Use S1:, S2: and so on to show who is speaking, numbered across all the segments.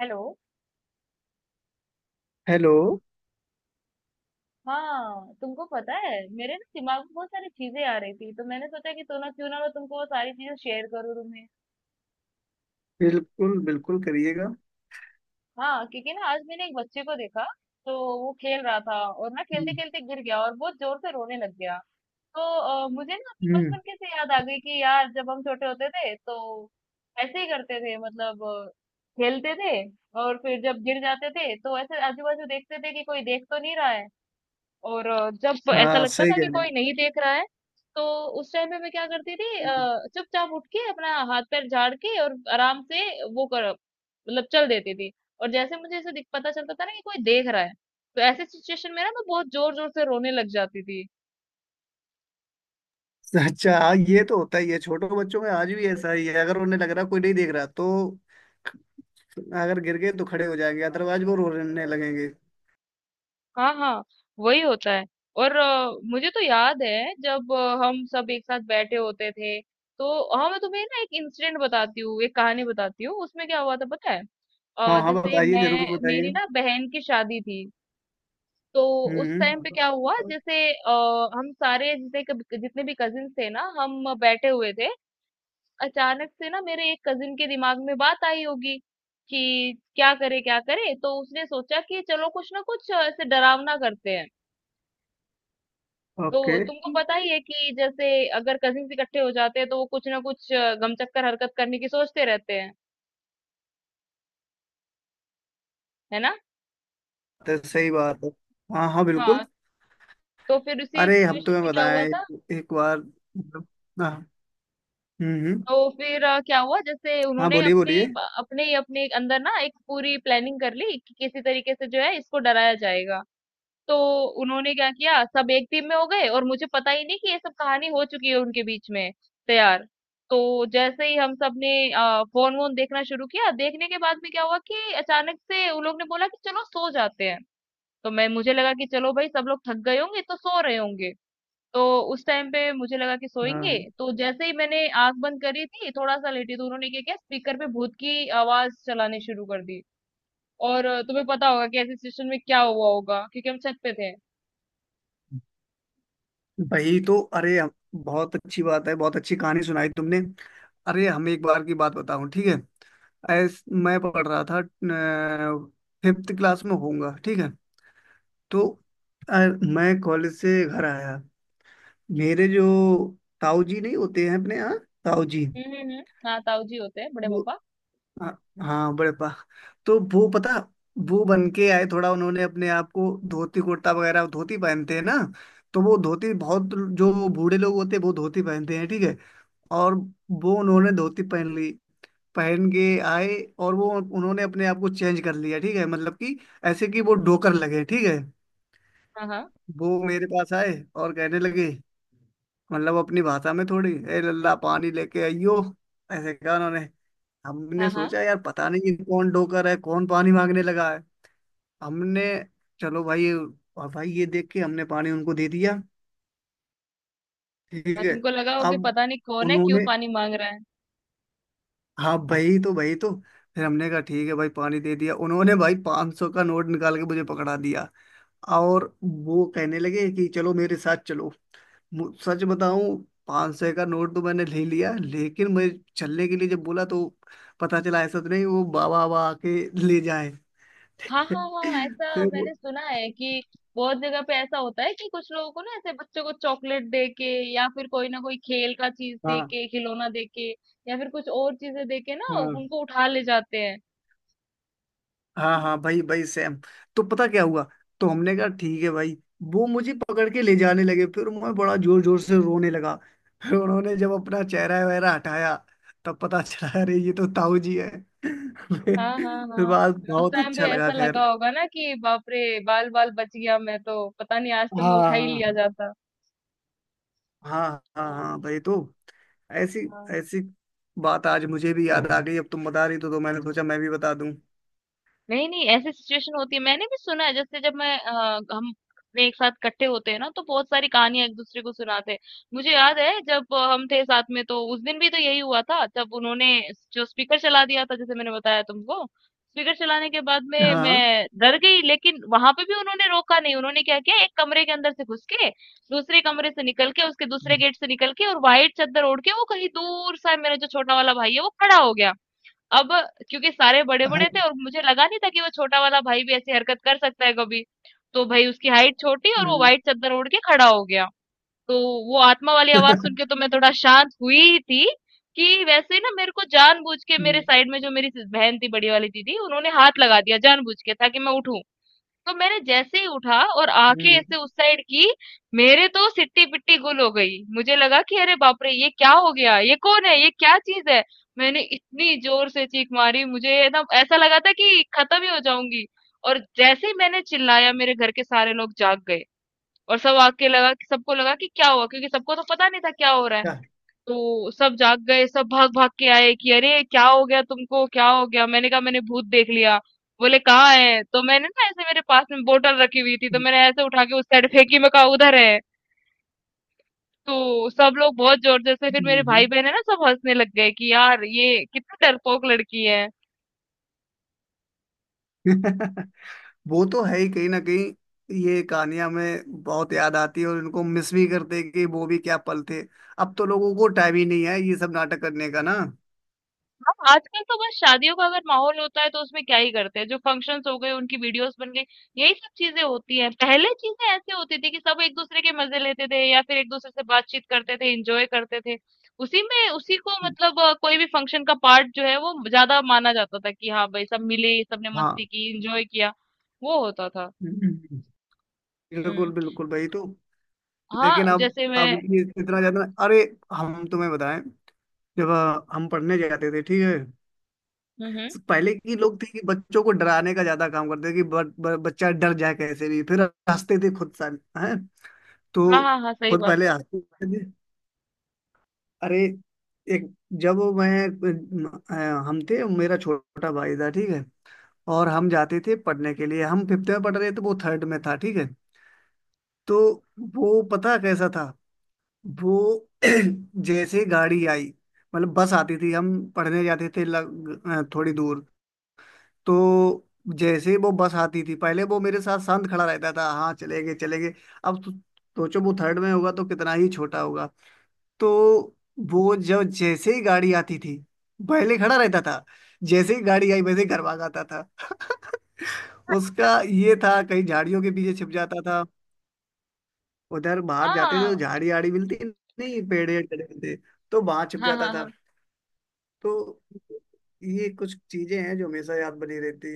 S1: Hello.
S2: Hello.
S1: हाँ, तुमको पता है, मेरे ना दिमाग में बहुत सारी चीजें आ रही थी, तो मैंने सोचा कि तो ना क्यों ना मैं तुमको वो सारी चीजें शेयर करूँ तुम्हें।
S2: बिल्कुल बिल्कुल करिएगा।
S1: हाँ, क्योंकि ना आज मैंने एक बच्चे को देखा। तो वो खेल रहा था और ना खेलते
S2: हम्म
S1: खेलते गिर गया और बहुत जोर से रोने लग गया। तो मुझे ना अपने
S2: हम्म,
S1: बचपन की से याद आ गई कि यार जब हम छोटे होते थे, तो ऐसे ही करते थे। मतलब खेलते थे। और फिर जब गिर जाते थे, तो ऐसे आजू बाजू देखते थे कि कोई देख तो नहीं रहा है। और जब ऐसा
S2: हाँ
S1: लगता
S2: सही
S1: था कि
S2: कह रहे
S1: कोई नहीं देख रहा है, तो उस टाइम पे मैं क्या करती थी,
S2: हो।
S1: चुपचाप उठ के अपना हाथ पैर झाड़ के और आराम से वो कर मतलब चल देती थी। और जैसे मुझे ऐसे दिख पता चलता था ना कि कोई देख रहा है, तो ऐसे सिचुएशन में ना मैं बहुत जोर जोर से रोने लग जाती थी।
S2: अच्छा, हाँ ये तो होता ही है छोटे बच्चों में, आज भी ऐसा ही है। अगर उन्हें लग रहा कोई नहीं देख रहा तो अगर गिर गए तो खड़े हो जाएंगे, अदरवाइज वो रोने लगेंगे।
S1: हाँ हाँ, वही होता है। और मुझे तो याद है, जब हम सब एक साथ बैठे होते थे। तो हाँ, मैं तुम्हें ना एक इंसिडेंट बताती हूँ, एक कहानी बताती हूँ, उसमें क्या हुआ था पता है।
S2: हाँ हाँ,
S1: जैसे
S2: बताइए,
S1: मैं
S2: जरूर बताइए।
S1: मेरी ना बहन की शादी थी। तो उस टाइम पे
S2: हम्म।
S1: क्या हुआ, जैसे हम सारे जैसे जितने भी कजिन थे ना, हम बैठे हुए थे। अचानक से ना मेरे एक कजिन के दिमाग में बात आई होगी कि क्या करे क्या करे, तो उसने सोचा कि चलो कुछ ना कुछ ऐसे डरावना करते हैं। तो
S2: ओके,
S1: तुमको पता ही है कि जैसे अगर कजिन इकट्ठे हो जाते हैं, तो वो कुछ ना कुछ गमचक्कर हरकत करने की सोचते रहते हैं, है ना।
S2: तो सही बात है। हाँ हाँ, बिल्कुल।
S1: हाँ। तो फिर उसी
S2: अरे हम
S1: सिचुएशन
S2: तुम्हें
S1: में क्या
S2: बताएं
S1: हुआ
S2: एक,
S1: था।
S2: एक बार मतलब- हाँ। हम्म हम्म,
S1: तो फिर क्या हुआ, जैसे
S2: हाँ
S1: उन्होंने
S2: बोलिए बोलिए।
S1: अपने ही अपने अंदर ना एक पूरी प्लानिंग कर ली कि किसी तरीके से जो है इसको डराया जाएगा। तो उन्होंने क्या किया, सब एक टीम में हो गए और मुझे पता ही नहीं कि ये सब कहानी हो चुकी है उनके बीच में, तैयार। तो जैसे ही हम सब ने फोन वोन देखना शुरू किया, देखने के बाद में क्या हुआ कि अचानक से उन लोग ने बोला कि चलो सो जाते हैं। तो मैं मुझे लगा कि चलो भाई, सब लोग थक गए होंगे, तो सो रहे होंगे। तो उस टाइम पे मुझे लगा कि सोएंगे,
S2: हाँ
S1: तो जैसे ही मैंने आंख बंद करी थी, थोड़ा सा लेटी, तो उन्होंने क्या किया, स्पीकर पे भूत की आवाज चलाने शुरू कर दी। और तुम्हें पता होगा कि ऐसी सिचुएशन में क्या हुआ होगा, क्योंकि हम छत पे थे।
S2: भाई तो अरे हम- बहुत अच्छी बात है, बहुत अच्छी कहानी सुनाई तुमने। अरे हम एक बार की बात बताऊं, ठीक है? ऐस मैं पढ़ रहा था, फिफ्थ क्लास में होऊंगा, ठीक है। तो अ, मैं कॉलेज से घर आया। मेरे जो ताऊ जी नहीं होते हैं अपने यहाँ, ताऊ जी?
S1: हम्म, हाँ, ताऊ जी होते हैं, बड़े
S2: वो
S1: पापा।
S2: हाँ हाँ, बड़े पा तो वो, पता, वो बन के आए थोड़ा। उन्होंने अपने आप को धोती कुर्ता वगैरह, धोती पहनते हैं ना, तो वो धोती, बहुत जो बूढ़े लोग होते हैं वो धोती पहनते हैं, ठीक है। और वो, उन्होंने धोती पहन ली, पहन के आए। और वो, उन्होंने अपने आप को चेंज कर लिया ठीक है, मतलब कि ऐसे कि वो डोकर लगे, ठीक है।
S1: हाँ हाँ
S2: वो मेरे पास आए और कहने लगे, मतलब अपनी भाषा में, थोड़ी ए लल्ला पानी लेके आइयो, ऐसे कहा उन्होंने। हमने
S1: हाँ। हाँ
S2: सोचा यार पता नहीं ये कौन डोकर है, कौन पानी मांगने लगा है। हमने चलो भाई, ये, और भाई ये देख के हमने पानी उनको दे दिया, ठीक
S1: हाँ,
S2: है।
S1: तुमको लगा हो कि
S2: अब
S1: पता नहीं कौन है, क्यों
S2: उन्होंने
S1: पानी मांग रहा है।
S2: हाँ भाई तो फिर हमने कहा ठीक है भाई, पानी दे दिया। उन्होंने भाई 500 सौ का नोट निकाल के मुझे पकड़ा दिया। और वो कहने लगे कि चलो मेरे साथ चलो। सच बताऊं, 500 सौ का नोट तो मैंने ले लिया, लेकिन मैं, चलने के लिए जब बोला तो पता चला ऐसा तो नहीं वो बाबा बाबा आके ले जाए।
S1: हाँ हाँ हाँ, ऐसा
S2: फिर वो
S1: मैंने सुना है कि बहुत जगह पे ऐसा होता है कि कुछ लोगों को ना ऐसे बच्चों को चॉकलेट दे के, या फिर कोई ना कोई खेल का चीज दे
S2: हाँ
S1: के, खिलौना दे के, या फिर कुछ और चीजें दे के ना
S2: हाँ
S1: उनको उठा ले जाते हैं।
S2: हाँ हाँ भाई भाई सेम। तो पता क्या हुआ, तो हमने कहा ठीक है भाई, वो मुझे पकड़ के ले जाने लगे, फिर मैं बड़ा जोर जोर से रोने लगा। फिर उन्होंने जब अपना चेहरा वगैरह हटाया, तब पता चला अरे ये तो ताऊ जी है।
S1: हाँ हाँ
S2: फिर
S1: हाँ,
S2: बाद
S1: उस
S2: बहुत
S1: टाइम पे
S2: अच्छा लगा,
S1: ऐसा लगा
S2: खैर।
S1: होगा ना कि बाप रे, बाल बाल बच गया, मैं तो पता नहीं, आज तो मैं
S2: हाँ
S1: उठा ही लिया
S2: हाँ
S1: जाता।
S2: हाँ। हाँ
S1: हाँ
S2: हाँ भाई तो ऐसी
S1: हाँ।
S2: ऐसी बात आज मुझे भी याद आ गई। अब तुम बता रही तो मैंने सोचा मैं भी बता दूं।
S1: नहीं, नहीं, ऐसी सिचुएशन होती है, मैंने भी सुना है। जैसे जब मैं हम अपने एक साथ इकट्ठे होते हैं ना, तो बहुत सारी कहानियां एक दूसरे को सुनाते हैं। मुझे याद है जब हम थे साथ में, तो उस दिन भी तो यही हुआ था, जब उन्होंने जो स्पीकर चला दिया था, जैसे मैंने बताया तुमको। स्पीकर चलाने के बाद में
S2: हाँ।
S1: मैं डर गई, लेकिन वहां पे भी उन्होंने रोका नहीं। उन्होंने क्या किया, एक कमरे के अंदर से घुस के, दूसरे कमरे से निकल के, उसके दूसरे गेट से निकल के, और वाइट चादर ओढ़ के, वो कहीं दूर सा मेरा जो छोटा वाला भाई है, वो खड़ा हो गया। अब क्योंकि सारे बड़े
S2: हाँ।
S1: बड़े थे और मुझे लगा नहीं था कि वो छोटा वाला भाई भी ऐसी हरकत कर सकता है कभी। तो भाई उसकी हाइट छोटी, और वो
S2: हम्म,
S1: व्हाइट चादर ओढ़ के खड़ा हो गया। तो वो आत्मा वाली आवाज सुन के तो मैं थोड़ा शांत हुई थी, कि वैसे ना मेरे को जानबूझ के मेरे
S2: हम्म,
S1: साइड में जो मेरी बहन थी, बड़ी वाली दीदी, उन्होंने हाथ लगा दिया जानबूझ के, ताकि मैं उठूं। तो मैंने जैसे ही उठा और आंखें
S2: हम्म,
S1: ऐसे उस साइड की, मेरे तो सिट्टी पिट्टी गुल हो गई। मुझे लगा कि अरे बाप रे, ये क्या हो गया, ये कौन है, ये क्या चीज है। मैंने इतनी जोर से चीख मारी, मुझे एकदम ऐसा लगा था कि खत्म ही हो जाऊंगी। और जैसे ही मैंने चिल्लाया, मेरे घर के सारे लोग जाग गए। और सब आके लगा कि सबको लगा कि क्या हुआ, क्योंकि सबको तो पता नहीं था क्या हो रहा है।
S2: क्या?
S1: तो सब जाग गए, सब भाग भाग के आए कि अरे क्या हो गया, तुमको क्या हो गया। मैंने कहा, मैंने भूत देख लिया। बोले कहाँ है। तो मैंने ना ऐसे मेरे पास में बोतल रखी हुई थी, तो
S2: हम्म,
S1: मैंने ऐसे उठा के उस साइड फेंकी, मैं कहा उधर है। तो सब लोग बहुत जोर जोर से, फिर मेरे
S2: हम्म।
S1: भाई बहन है ना, सब हंसने लग गए कि यार ये कितनी डरपोक लड़की है।
S2: वो तो है ही कहीं ना कहीं, ये कहानियां हमें बहुत याद आती है और इनको मिस भी करते हैं कि वो भी क्या पल थे। अब तो लोगों को टाइम ही नहीं है ये सब नाटक करने का ना।
S1: हाँ, आजकल तो बस शादियों का अगर माहौल होता है, तो उसमें क्या ही करते हैं, जो फंक्शंस हो गए उनकी वीडियोस बन गई, यही सब चीजें होती हैं। पहले चीजें ऐसे होती थी कि सब एक दूसरे के मजे लेते थे, या फिर एक दूसरे से बातचीत करते थे, एंजॉय करते थे। उसी में उसी को मतलब कोई भी फंक्शन का पार्ट जो है वो ज्यादा माना जाता था, कि हाँ भाई, सब मिले, सबने
S2: हाँ।
S1: मस्ती की, एंजॉय किया, वो होता था।
S2: हम्म। बिल्कुल
S1: हम्म।
S2: बिल्कुल भाई। तो लेकिन
S1: हाँ,
S2: अब
S1: जैसे
S2: अब
S1: मैं,
S2: ये इतना ज्यादा, अरे हम तुम्हें बताएं, जब हम पढ़ने जाते थे, ठीक है।
S1: हम्म।
S2: तो पहले की लोग थे कि बच्चों को डराने का ज्यादा काम करते थे कि ब, ब, बच्चा डर जाए कैसे भी, फिर हंसते थे खुद सा, हैं। तो
S1: हाँ हाँ हाँ, सही
S2: खुद
S1: बात
S2: पहले
S1: है।
S2: हंसते थे। अरे एक जब मैं अ, हम थे, मेरा छोटा भाई था, ठीक है। और हम जाते थे पढ़ने के लिए, हम फिफ्थ में पढ़ रहे थे, वो थर्ड में था, ठीक है। तो वो पता कैसा था, वो, जैसे गाड़ी आई, मतलब बस आती थी, हम पढ़ने जाते थे थोड़ी दूर। तो जैसे वो बस आती थी, पहले वो मेरे साथ शांत खड़ा रहता था, हाँ, चले गए चले गए। अब तो सोचो वो थर्ड में होगा तो कितना ही छोटा होगा। तो वो, जब जैसे ही गाड़ी आती थी, पहले खड़ा रहता था, जैसे ही गाड़ी आई वैसे ही घर भाग आता था। उसका ये था कहीं झाड़ियों के पीछे छिप जाता था, उधर बाहर जाते थे
S1: हाँ
S2: तो झाड़ी आड़ी मिलती नहीं, पेड़ वेड़ खड़े होते, तो वहां छिप
S1: हाँ
S2: जाता
S1: हाँ।
S2: था।
S1: हाँ
S2: तो ये कुछ चीजें हैं जो हमेशा याद बनी रहती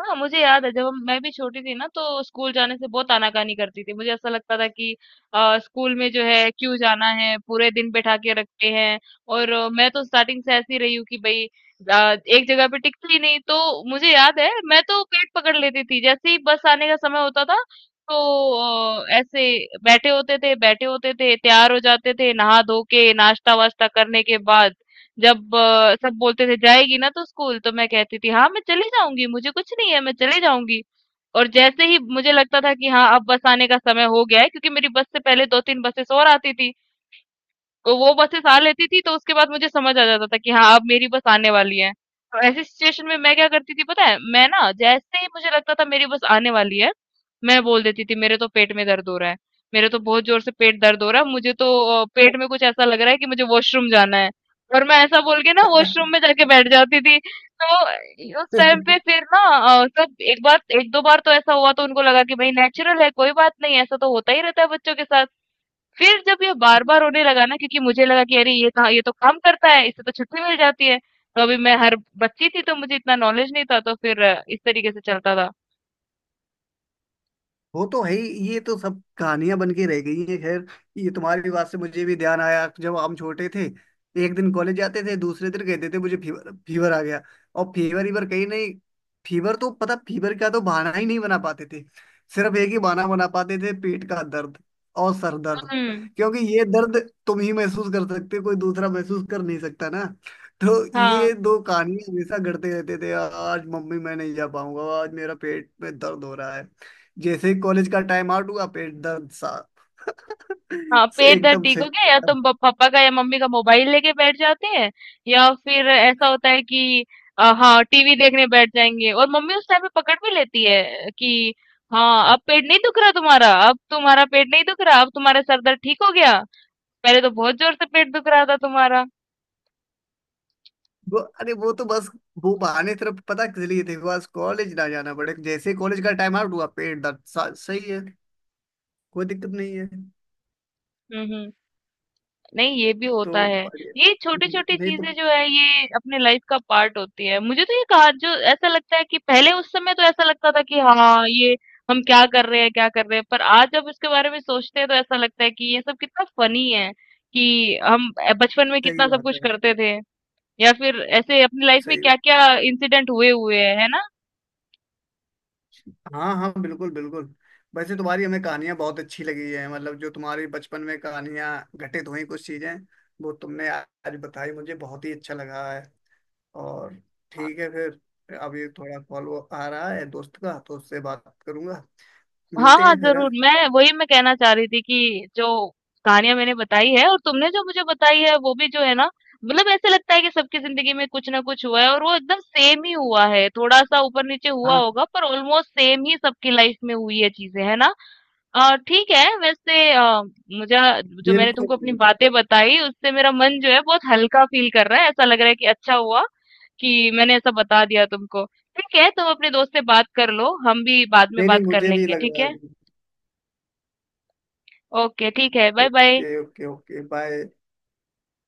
S1: हाँ, मुझे याद है, जब मैं भी छोटी थी ना, तो स्कूल जाने से बहुत आनाकानी करती थी। मुझे ऐसा लगता था कि स्कूल में जो है क्यों जाना है, पूरे दिन बैठा के रखते हैं। और मैं तो स्टार्टिंग से ऐसी रही हूँ कि भाई एक जगह पे टिकती ही नहीं। तो मुझे याद है, मैं तो पेट पकड़ लेती थी जैसे ही बस आने का समय होता था। तो ऐसे बैठे होते थे बैठे होते थे, तैयार हो जाते थे, नहा धो के नाश्ता वास्ता करने के बाद, जब सब बोलते थे जाएगी ना तो स्कूल, तो मैं कहती थी हाँ मैं चली जाऊंगी, मुझे कुछ नहीं है, मैं चली जाऊंगी। और जैसे ही मुझे लगता था कि हाँ अब बस आने का समय हो गया है, क्योंकि मेरी बस से पहले दो तीन बसेस और आती थी, तो वो बसेस आ लेती थी, तो उसके बाद मुझे समझ आ जाता था कि हाँ अब मेरी बस आने वाली है। तो ऐसी सिचुएशन में मैं क्या करती थी पता है, मैं ना जैसे ही मुझे लगता था मेरी बस आने वाली है, मैं बोल देती थी, मेरे तो पेट में दर्द हो रहा है, मेरे तो बहुत जोर से पेट दर्द हो रहा है, मुझे तो पेट में कुछ ऐसा लग रहा है कि मुझे वॉशरूम जाना है। और मैं ऐसा बोल के ना वॉशरूम में जाके बैठ जाती थी। तो उस टाइम
S2: हैं।
S1: पे फिर ना सब एक बार एक दो बार तो ऐसा हुआ, तो उनको लगा कि भाई नेचुरल है, कोई बात नहीं, ऐसा तो होता ही रहता है बच्चों के साथ। फिर जब ये बार-बार रोने लगा ना, क्योंकि मुझे लगा कि अरे ये कहाँ, ये तो काम करता है, इससे तो छुट्टी मिल जाती है। तो अभी मैं हर बच्ची थी, तो मुझे इतना नॉलेज नहीं था, तो फिर इस तरीके से चलता था।
S2: वो तो है ही, ये तो सब कहानियां बन के रह गई है खैर। ये तुम्हारी बात से मुझे भी ध्यान आया, जब हम छोटे थे, एक दिन कॉलेज जाते थे, दूसरे दिन कहते थे मुझे फीवर फीवर आ गया। और फीवर ईवर कहीं नहीं, फीवर तो पता, फीवर का तो बहाना ही नहीं बना पाते थे। सिर्फ एक ही बहाना बना पाते थे, पेट का दर्द और सर दर्द।
S1: हुँ।
S2: क्योंकि ये दर्द तुम ही महसूस कर सकते हो, कोई दूसरा महसूस कर नहीं सकता ना। तो ये
S1: हाँ,
S2: दो कहानियां हमेशा गढ़ते रहते थे, आज मम्मी मैं नहीं जा पाऊंगा, आज मेरा पेट में दर्द हो रहा है। जैसे ही कॉलेज का टाइम आउट हुआ, पेट दर्द साहब।
S1: हाँ,
S2: सो
S1: पेट दर्द
S2: एकदम
S1: ठीक
S2: सही।
S1: हो गया, या तुम तो प पापा का या मम्मी का मोबाइल लेके बैठ जाते हैं, या फिर ऐसा होता है कि हाँ, टीवी देखने बैठ जाएँगे। और मम्मी उस टाइम पे पकड़ भी लेती है कि हाँ, अब पेट नहीं दुख रहा तुम्हारा, अब तुम्हारा पेट नहीं दुख रहा, अब तुम्हारा सर दर्द ठीक हो गया। पहले तो बहुत ज़ोर से पेट दुख रहा था तुम्हारा।
S2: वो अरे वो तो बस वो बहाने सिर्फ पता किस लिए थे, बस कॉलेज ना जाना पड़े। जैसे ही कॉलेज का टाइम आउट हुआ, पेट दर्द सही है, कोई दिक्कत नहीं है।
S1: हुँ, हुँ। नहीं, ये भी होता
S2: तो
S1: है।
S2: बढ़िया।
S1: ये छोटी छोटी
S2: नहीं तो
S1: चीजें जो है ये अपने लाइफ का पार्ट होती है। मुझे तो ये कहा जो ऐसा लगता है कि पहले उस समय तो ऐसा लगता था कि हाँ ये हम क्या कर रहे हैं क्या कर रहे हैं, पर आज जब इसके बारे में सोचते हैं तो ऐसा लगता है कि ये सब कितना फनी है, कि हम बचपन में
S2: सही
S1: कितना सब
S2: बात
S1: कुछ
S2: है,
S1: करते थे, या फिर ऐसे अपनी लाइफ में
S2: सही।
S1: क्या क्या इंसिडेंट हुए हुए हैं, है ना।
S2: हाँ हाँ, बिल्कुल बिल्कुल। वैसे तुम्हारी हमें कहानियां बहुत अच्छी लगी है मतलब जो तुम्हारी बचपन में कहानियां घटित हुई कुछ चीजें, वो तुमने आज बताई, मुझे बहुत ही अच्छा लगा है। और ठीक है फिर, अभी थोड़ा कॉल आ रहा है दोस्त का तो उससे बात करूंगा,
S1: हाँ,
S2: मिलते
S1: हाँ,
S2: हैं फिर, हाँ।
S1: ज़रूर। मैं कहना चाह रही थी कि जो कहानियाँ मैंने बताई है और तुमने जो मुझे बताई है वो भी जो है ना, मतलब ऐसे लगता है कि सबकी ज़िंदगी में कुछ ना कुछ हुआ है और वो एकदम सेम ही हुआ है। थोड़ा-सा ऊपर-नीचे हुआ
S2: हाँ,
S1: होगा पर ऑलमोस्ट सेम ही सबकी लाइफ़ में हुई है चीज़ें, है ना? ठीक है, वैसे मुझे जो मैंने
S2: बिल्कुल
S1: तुमको अपनी
S2: बिल्कुल।
S1: बातें बताई, उससे मेरा मन जो है बहुत हल्का फ़ील कर रहा है। ऐसा लग रहा है कि अच्छा हुआ कि मैंने ऐसा बता दिया तुमको। ठीक है, तुम अपने दोस्त से बात कर लो, हम भी बाद में
S2: नहीं नहीं,
S1: बात कर
S2: मुझे भी
S1: लेंगे,
S2: लग
S1: ठीक
S2: रहा है।
S1: है? ओके, ठीक है, bye bye.
S2: Okay okay okay, bye.